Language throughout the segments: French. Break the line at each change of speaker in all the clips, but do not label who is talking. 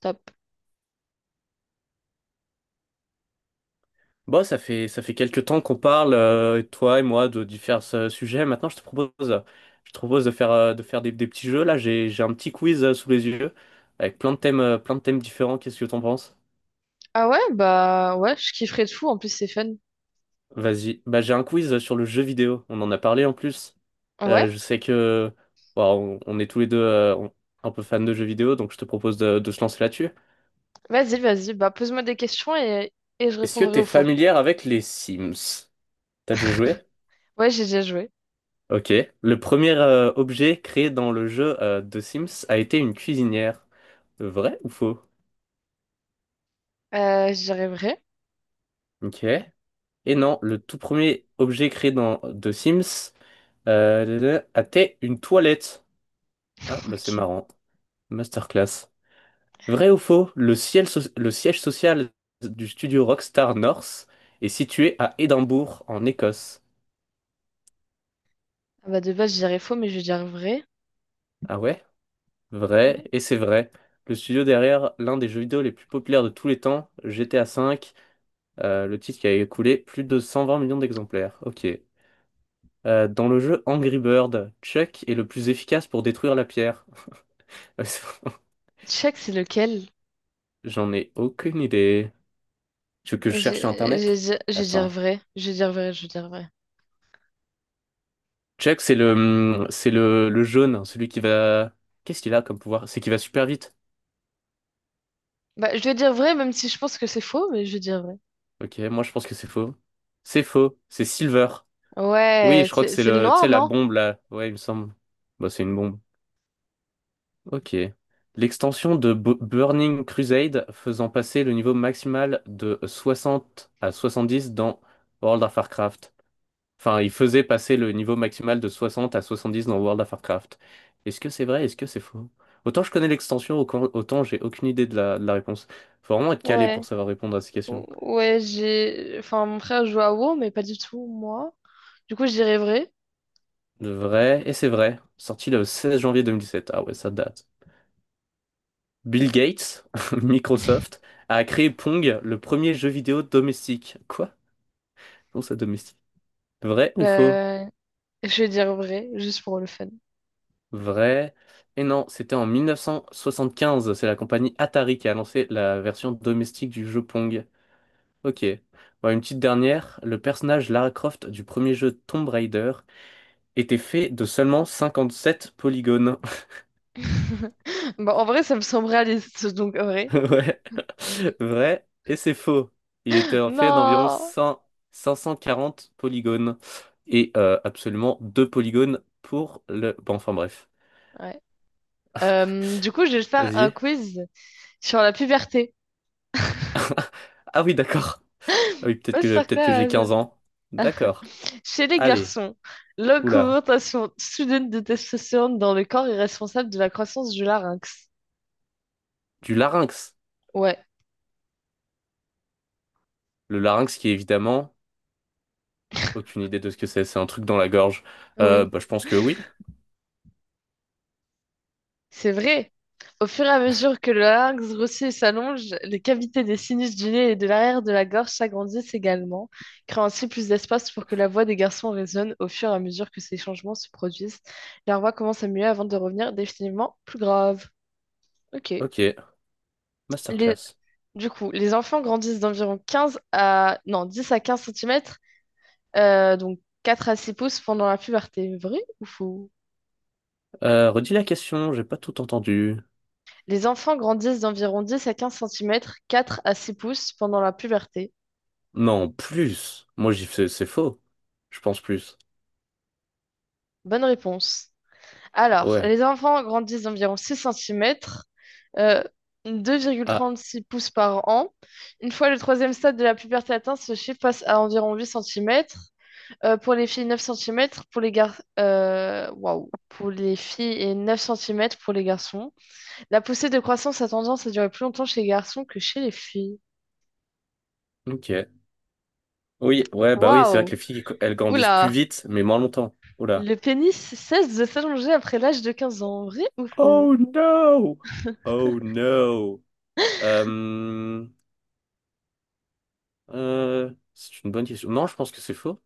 Stop.
Bon, ça fait quelques temps qu'on parle, toi et moi, de différents sujets. Maintenant, je te propose de faire des petits jeux. Là, j'ai un petit quiz sous les yeux avec plein de thèmes différents. Qu'est-ce que t'en penses?
Ah ouais?
Vas-y. Bah, j'ai un quiz sur le jeu vidéo. On en a parlé en plus.
Ouais,
Je sais que bon, on est tous les deux un peu fans de jeux vidéo, donc je te propose de se lancer là-dessus.
vas-y, vas-y. Bah, pose-moi des questions et je
Est-ce que
répondrai
t'es
au faux.
familière avec les Sims? T'as déjà joué?
Ouais, j'ai déjà joué.
Ok. Le premier objet créé dans le jeu de Sims a été une cuisinière. Vrai ou faux?
J'y vrai.
Ok. Et non, le tout premier objet créé dans The Sims a été une toilette. Ah, bah c'est
Ok.
marrant. Masterclass. Vrai ou faux? Le siège social du studio Rockstar North est situé à Édimbourg, en Écosse.
Ah bah, de base, je dirais faux, mais je vais dire vrai.
Ah ouais?
Hmm.
Vrai, et c'est vrai. Le studio derrière l'un des jeux vidéo les plus populaires de tous les temps, GTA V. Le titre qui a écoulé plus de 120 millions d'exemplaires. Ok. Dans le jeu Angry Bird, Chuck est le plus efficace pour détruire la pierre.
Je sais que c'est lequel.
J'en ai aucune idée. Tu veux que je
Je
cherche sur
je-
Internet?
je- je dirais
Attends.
vrai. Je dirais vrai, je dirais vrai.
Chuck, c'est le, le jaune, hein, celui qui va... Qu'est-ce qu'il a comme pouvoir? C'est qu'il va super vite.
Bah, je vais dire vrai, même si je pense que c'est faux, mais je vais dire vrai.
Ok, moi je pense que c'est faux. C'est faux, c'est Silver. Oui,
Ouais,
je crois que
c'est
c'est
c'est le
le, tu
noir,
sais, la
non?
bombe là. Ouais, il me semble. Bah, c'est une bombe. Ok. L'extension de Burning Crusade faisant passer le niveau maximal de 60 à 70 dans World of Warcraft. Enfin, il faisait passer le niveau maximal de 60 à 70 dans World of Warcraft. Est-ce que c'est vrai? Est-ce que c'est faux? Autant je connais l'extension, autant j'ai aucune idée de la réponse. Faut vraiment être calé pour
Ouais.
savoir répondre à ces
Ou-
questions.
Ouais, j'ai. Enfin, mon frère joue à WoW, mais pas du tout, moi. Du coup, je dirais vrai.
Le vrai, et c'est vrai, sorti le 16 janvier 2017. Ah ouais, ça date. Bill Gates, Microsoft, a créé Pong, le premier jeu vidéo domestique. Quoi? Pour sa domestique. Vrai ou faux?
Euh, je vais dire vrai, juste pour le fun.
Vrai. Et non, c'était en 1975. C'est la compagnie Atari qui a lancé la version domestique du jeu Pong. Ok. Bon, une petite dernière. Le personnage Lara Croft du premier jeu Tomb Raider était fait de seulement 57 polygones.
Bon, en vrai, ça me semble réaliste, donc en vrai.
Ouais. Vrai. Et c'est faux. Il était fait d'environ
Non!
5 540 polygones. Et absolument deux polygones pour le... Bon, enfin bref.
Ouais. Du coup, je vais te faire un
Vas-y.
quiz sur la puberté.
Ah oui, d'accord. Ah oui, peut-être que j'ai
Masterclass!
15 ans. D'accord.
Chez les
Allez.
garçons,
Oula.
l'augmentation soudaine de testostérone dans le corps est responsable de la croissance du larynx.
Du larynx.
Ouais,
Le larynx qui est évidemment... Aucune idée de ce que c'est. C'est un truc dans la gorge. Euh,
oui.
bah, je pense que oui.
C'est vrai. Au fur et à mesure que le larynx grossit et s'allonge, les cavités des sinus du nez et de l'arrière de la gorge s'agrandissent également, créant ainsi plus d'espace pour que la voix des garçons résonne. Au fur et à mesure que ces changements se produisent, leur voix commence à muer avant de revenir définitivement plus grave. Ok.
Ok.
Les-
Masterclass.
Du coup, les enfants grandissent d'environ 15 à... Non, 10 à 15 cm, donc 4 à 6 pouces pendant la puberté. Vrai ou faux?
Redis la question. J'ai pas tout entendu.
Les enfants grandissent d'environ 10 à 15 centimètres, 4 à 6 pouces pendant la puberté.
Non, plus. Moi, j'y fais... C'est faux. Je pense plus.
Bonne réponse. Alors,
Ouais.
les enfants grandissent d'environ 6 centimètres, euh, deux virgule
Ah,
trente-six pouces par an. Une fois le troisième stade de la puberté atteint, ce chiffre passe à environ 8 cm pour les filles, 9 centimètres. Waouh! Pour les filles et 9 centimètres pour les garçons. La poussée de croissance a tendance à durer plus longtemps chez les garçons que chez les filles.
ok. Oui, ouais, bah oui, c'est vrai que
Waouh!
les filles, elles grandissent plus
Oula!
vite, mais moins longtemps. Oula.
Le pénis cesse de s'allonger après l'âge de 15 ans. Vrai ou faux?
Oh no! Oh no! Euh, c'est une bonne question. Non, je pense que c'est faux.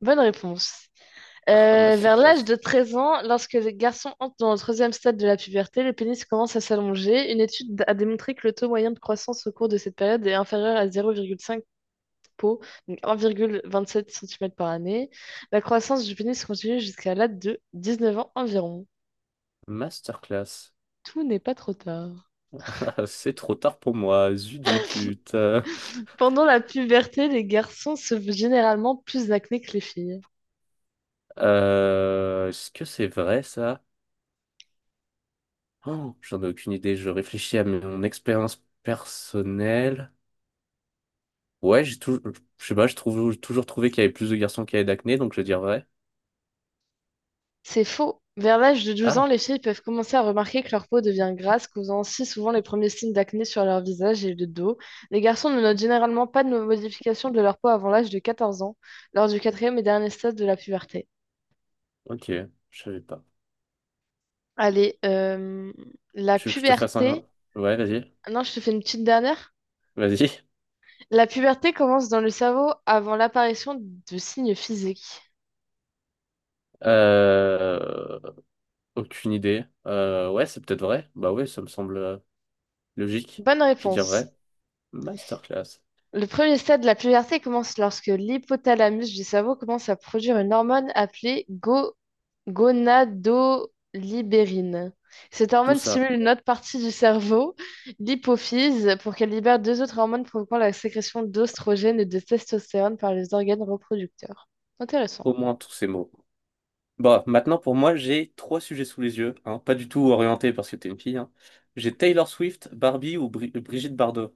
Bonne réponse.
Ah,
Vers l'âge
masterclass.
de 13 ans, lorsque les garçons entrent dans le troisième stade de la puberté, le pénis commence à s'allonger. Une étude a démontré que le taux moyen de croissance au cours de cette période est inférieur à 0,5 po, donc 1,27 cm par année. La croissance du pénis continue jusqu'à l'âge de 19 ans environ.
Masterclass.
Tout n'est pas trop tard.
C'est trop tard pour moi. Zut, zut, zut. Euh,
Pendant la puberté, les garçons se généralement plus acné que les filles.
euh, est-ce que c'est vrai ça? Oh, j'en ai aucune idée. Je réfléchis à mon expérience personnelle. Ouais, j'ai toujours, je sais pas, j'ai toujours trouvé qu'il y avait plus de garçons qui avaient d'acné, donc je vais dire vrai.
C'est faux. Vers l'âge de 12 ans,
Ah,
les filles peuvent commencer à remarquer que leur peau devient grasse, causant aussi souvent les premiers signes d'acné sur leur visage et le dos. Les garçons ne notent généralement pas de modification de leur peau avant l'âge de 14 ans, lors du quatrième et dernier stade de la puberté.
ok, je savais pas.
Allez, la
Tu veux que je te fasse
puberté.
un... Ouais,
Non, je te fais une petite dernière.
vas-y.
La puberté commence dans le cerveau avant l'apparition de signes physiques.
Euh, aucune idée. Ouais, c'est peut-être vrai. Bah ouais, ça me semble. Logique,
Bonne
je vais dire
réponse.
vrai, masterclass,
Le premier stade de la puberté commence lorsque l'hypothalamus du cerveau commence à produire une hormone appelée gonadolibérine. Cette
tout
hormone
ça,
stimule une autre partie du cerveau, l'hypophyse, pour qu'elle libère deux autres hormones provoquant la sécrétion d'ostrogène et de testostérone par les organes reproducteurs. Intéressant.
au moins tous ces mots. Bon, maintenant pour moi, j'ai trois sujets sous les yeux, hein, pas du tout orienté parce que t'es une fille, hein. J'ai Taylor Swift, Barbie ou Brigitte Bardot.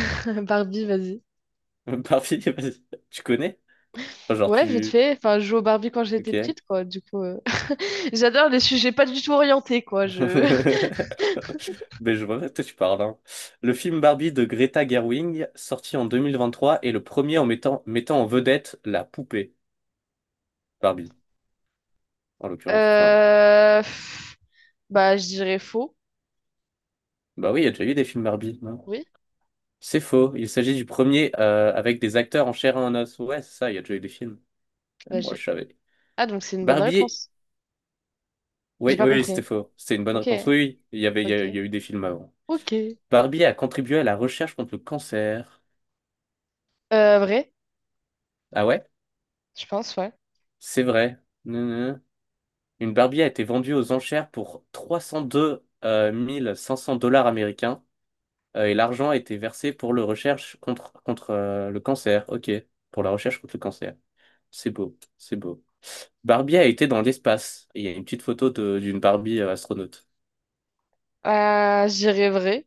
Barbie, vas-y.
Barbie, vas-y, tu connais? Enfin, genre
Ouais, vite
tu...
fait. Enfin, je joue au Barbie quand j'étais
Ok.
petite, quoi. Du coup, j'adore les sujets pas du tout orientés, quoi. Je...
Mais je vois de quoi tu parles, hein. Le film Barbie de Greta Gerwig, sorti en 2023, est le premier en mettant en vedette la poupée Barbie, en l'occurrence. Enfin,
Euh, pff, Bah, je dirais faux.
bah oui, il y a déjà eu des films Barbie, hein.
Oui,
C'est faux. Il s'agit du premier avec des acteurs en chair et en os. Ouais, c'est ça, il y a déjà eu des films. Ah,
bah
moi, je
j'ai.
savais.
Ah, donc c'est une bonne
Barbier.
réponse. J'ai
Oui,
pas
oui, oui, c'était
compris.
faux. C'était une bonne
Ok,
réponse. Oui, oui,
ok,
il y a eu des films avant.
ok.
Barbier a contribué à la recherche contre le cancer.
Vrai,
Ah ouais?
je pense, ouais.
C'est vrai. Non, non, non. Une Barbie a été vendue aux enchères pour 302 500 dollars américains et l'argent a été versé pour le recherche contre le cancer. Ok, pour la recherche contre le cancer. C'est beau, c'est beau. Barbie a été dans l'espace. Il y a une petite photo d'une Barbie astronaute.
J'irais vrai.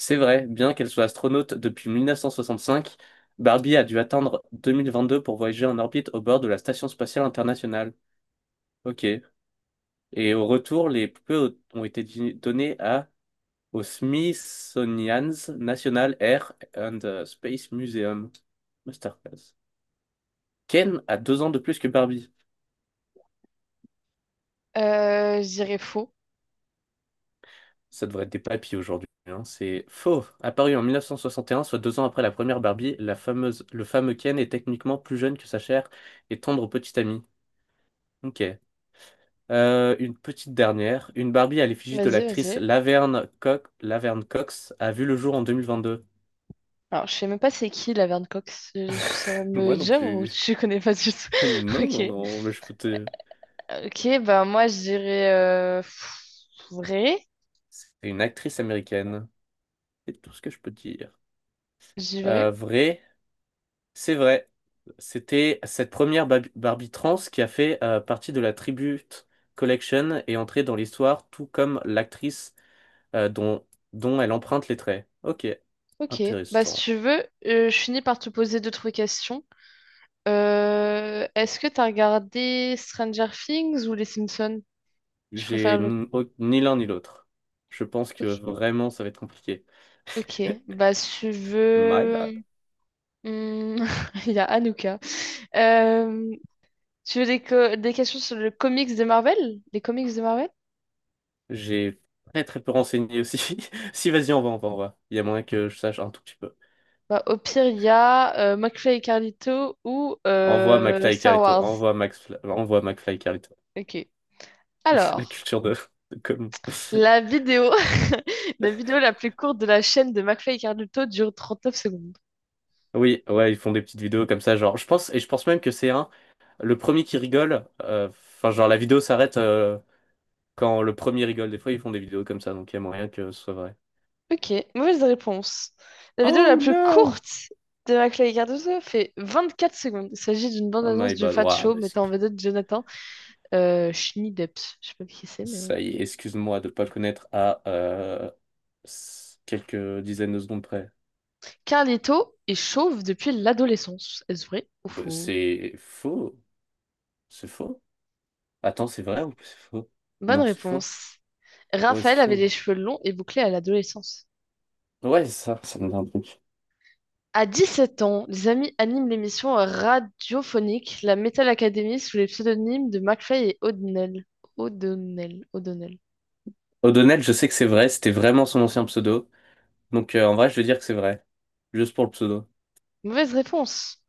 C'est vrai, bien qu'elle soit astronaute depuis 1965, Barbie a dû attendre 2022 pour voyager en orbite au bord de la Station spatiale internationale. Ok. Et au retour, les poupées ont été données à au Smithsonian's National Air and Space Museum. Masterclass. Ken a deux ans de plus que Barbie.
J'irais faux.
Ça devrait être des papis aujourd'hui, hein. C'est faux. Apparu en 1961, soit deux ans après la première Barbie, le fameux Ken est techniquement plus jeune que sa chère et tendre petite amie. Ok. Une petite dernière. Une Barbie à l'effigie de
Vas-y, vas-y.
l'actrice Laverne Cox, Laverne Cox a vu le jour en 2022.
Alors, je sais même pas c'est qui la Verne Cox. Je saurais me
Moi non
dire ou
plus.
tu connais pas du tout.
Non,
Ok.
non, non, mais je peux te...
Ok, bah moi j'irais vrai.
C'est une actrice américaine. C'est tout ce que je peux te dire.
J'y vrai.
Vrai. C'est vrai. C'était cette première Barbie trans qui a fait partie de la Tribute Collection et entrée dans l'histoire, tout comme l'actrice euh, dont, dont elle emprunte les traits. Ok,
Ok. Bah si
intéressant.
tu veux, je finis par te poser d'autres questions. Est-ce que t'as regardé Stranger Things ou Les Simpsons? Tu préfères
J'ai
le...
ni, ni l'un ni l'autre. Je pense que
Ok,
vraiment ça va être compliqué.
ok. Bah, si tu
My
veux...
bad.
Hmm, il y a Anouka. Euh, Tu veux des, des questions sur le comics de Marvel? Les comics de Marvel?
J'ai très très peu renseigné aussi. Si, vas-y, envoie. Il y a moyen que je sache un tout petit peu.
Bah, au pire, il y a McFly et Carlito ou
Envoie McFly et
Star
Carlito.
Wars.
Envoie Max, envoie McFly et Carlito.
Ok.
La
Alors,
culture de com.
la vidéo... la vidéo la plus courte de la chaîne de McFly et Carlito dure 39 secondes.
Oui, ouais, ils font des petites vidéos comme ça, genre, je pense, et je pense même que c'est un, le premier qui rigole, enfin, genre, la vidéo s'arrête quand le premier rigole. Des fois, ils font des vidéos comme ça, donc il y a moyen que ce soit vrai.
Ok, mauvaise réponse. La vidéo la
Oh
plus
no!
courte de Maclay et Cardozo fait 24 secondes. Il s'agit d'une
Oh my
bande-annonce du
bad.
Fat
Ouah,
Show
bah,
mettant en vedette Jonathan Schmidepps. Je sais pas qui c'est, mais...
ça y est, excuse-moi de pas le connaître à s- quelques dizaines de secondes près.
Carlito est chauve depuis l'adolescence. Est-ce vrai ou
Bah,
faux?
c'est faux, c'est faux. Attends, c'est vrai ou c'est faux?
Bonne
Non, c'est faux.
réponse.
Ouais, c'est
Raphaël avait les
faux.
cheveux longs et bouclés à l'adolescence.
Ouais, ça me dit un truc.
À 17 ans, les amis animent l'émission radiophonique La Metal Academy sous les pseudonymes de McFly et O'Donnell. O'Donnell, O'Donnell.
O'Donnell, je sais que c'est vrai, c'était vraiment son ancien pseudo. Donc en vrai, je vais dire que c'est vrai. Juste pour le pseudo.
Mauvaise réponse.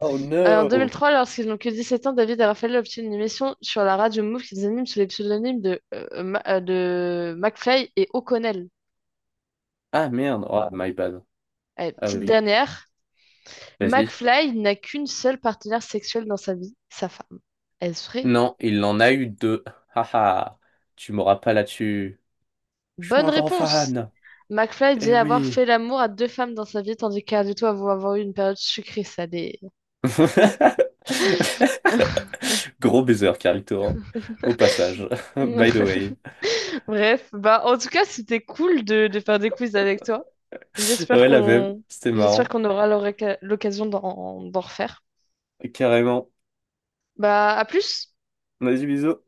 Oh
En
no!
2003, lorsqu'ils n'ont que 17 ans, David et Raphaël obtiennent une émission sur la radio Move qu'ils animent sous les pseudonymes de McFly et O'Connell.
Ah merde, oh my bad.
Allez,
Ah
petite
oui,
dernière.
vas-y.
McFly n'a qu'une seule partenaire sexuelle dans sa vie, sa femme. Est-ce vrai?
Non, il en a eu deux. Haha, tu m'auras pas là-dessus. Je suis
Bonne
un grand
réponse!
fan.
McFly dit
Eh
avoir
oui.
fait l'amour à deux femmes dans sa vie, tandis qu'Ardito avoue avoir eu une période sucrée salée.
Gros baiser, Carito, hein. Au passage. By the way.
Bref, bah en tout cas, c'était cool de faire des quiz avec toi. J'espère
Ouais, la même.
qu'on
C'était
J'espère
marrant.
qu'on aura l'occasion d'en refaire.
Carrément.
Bah, à plus!
Vas-y, bisous.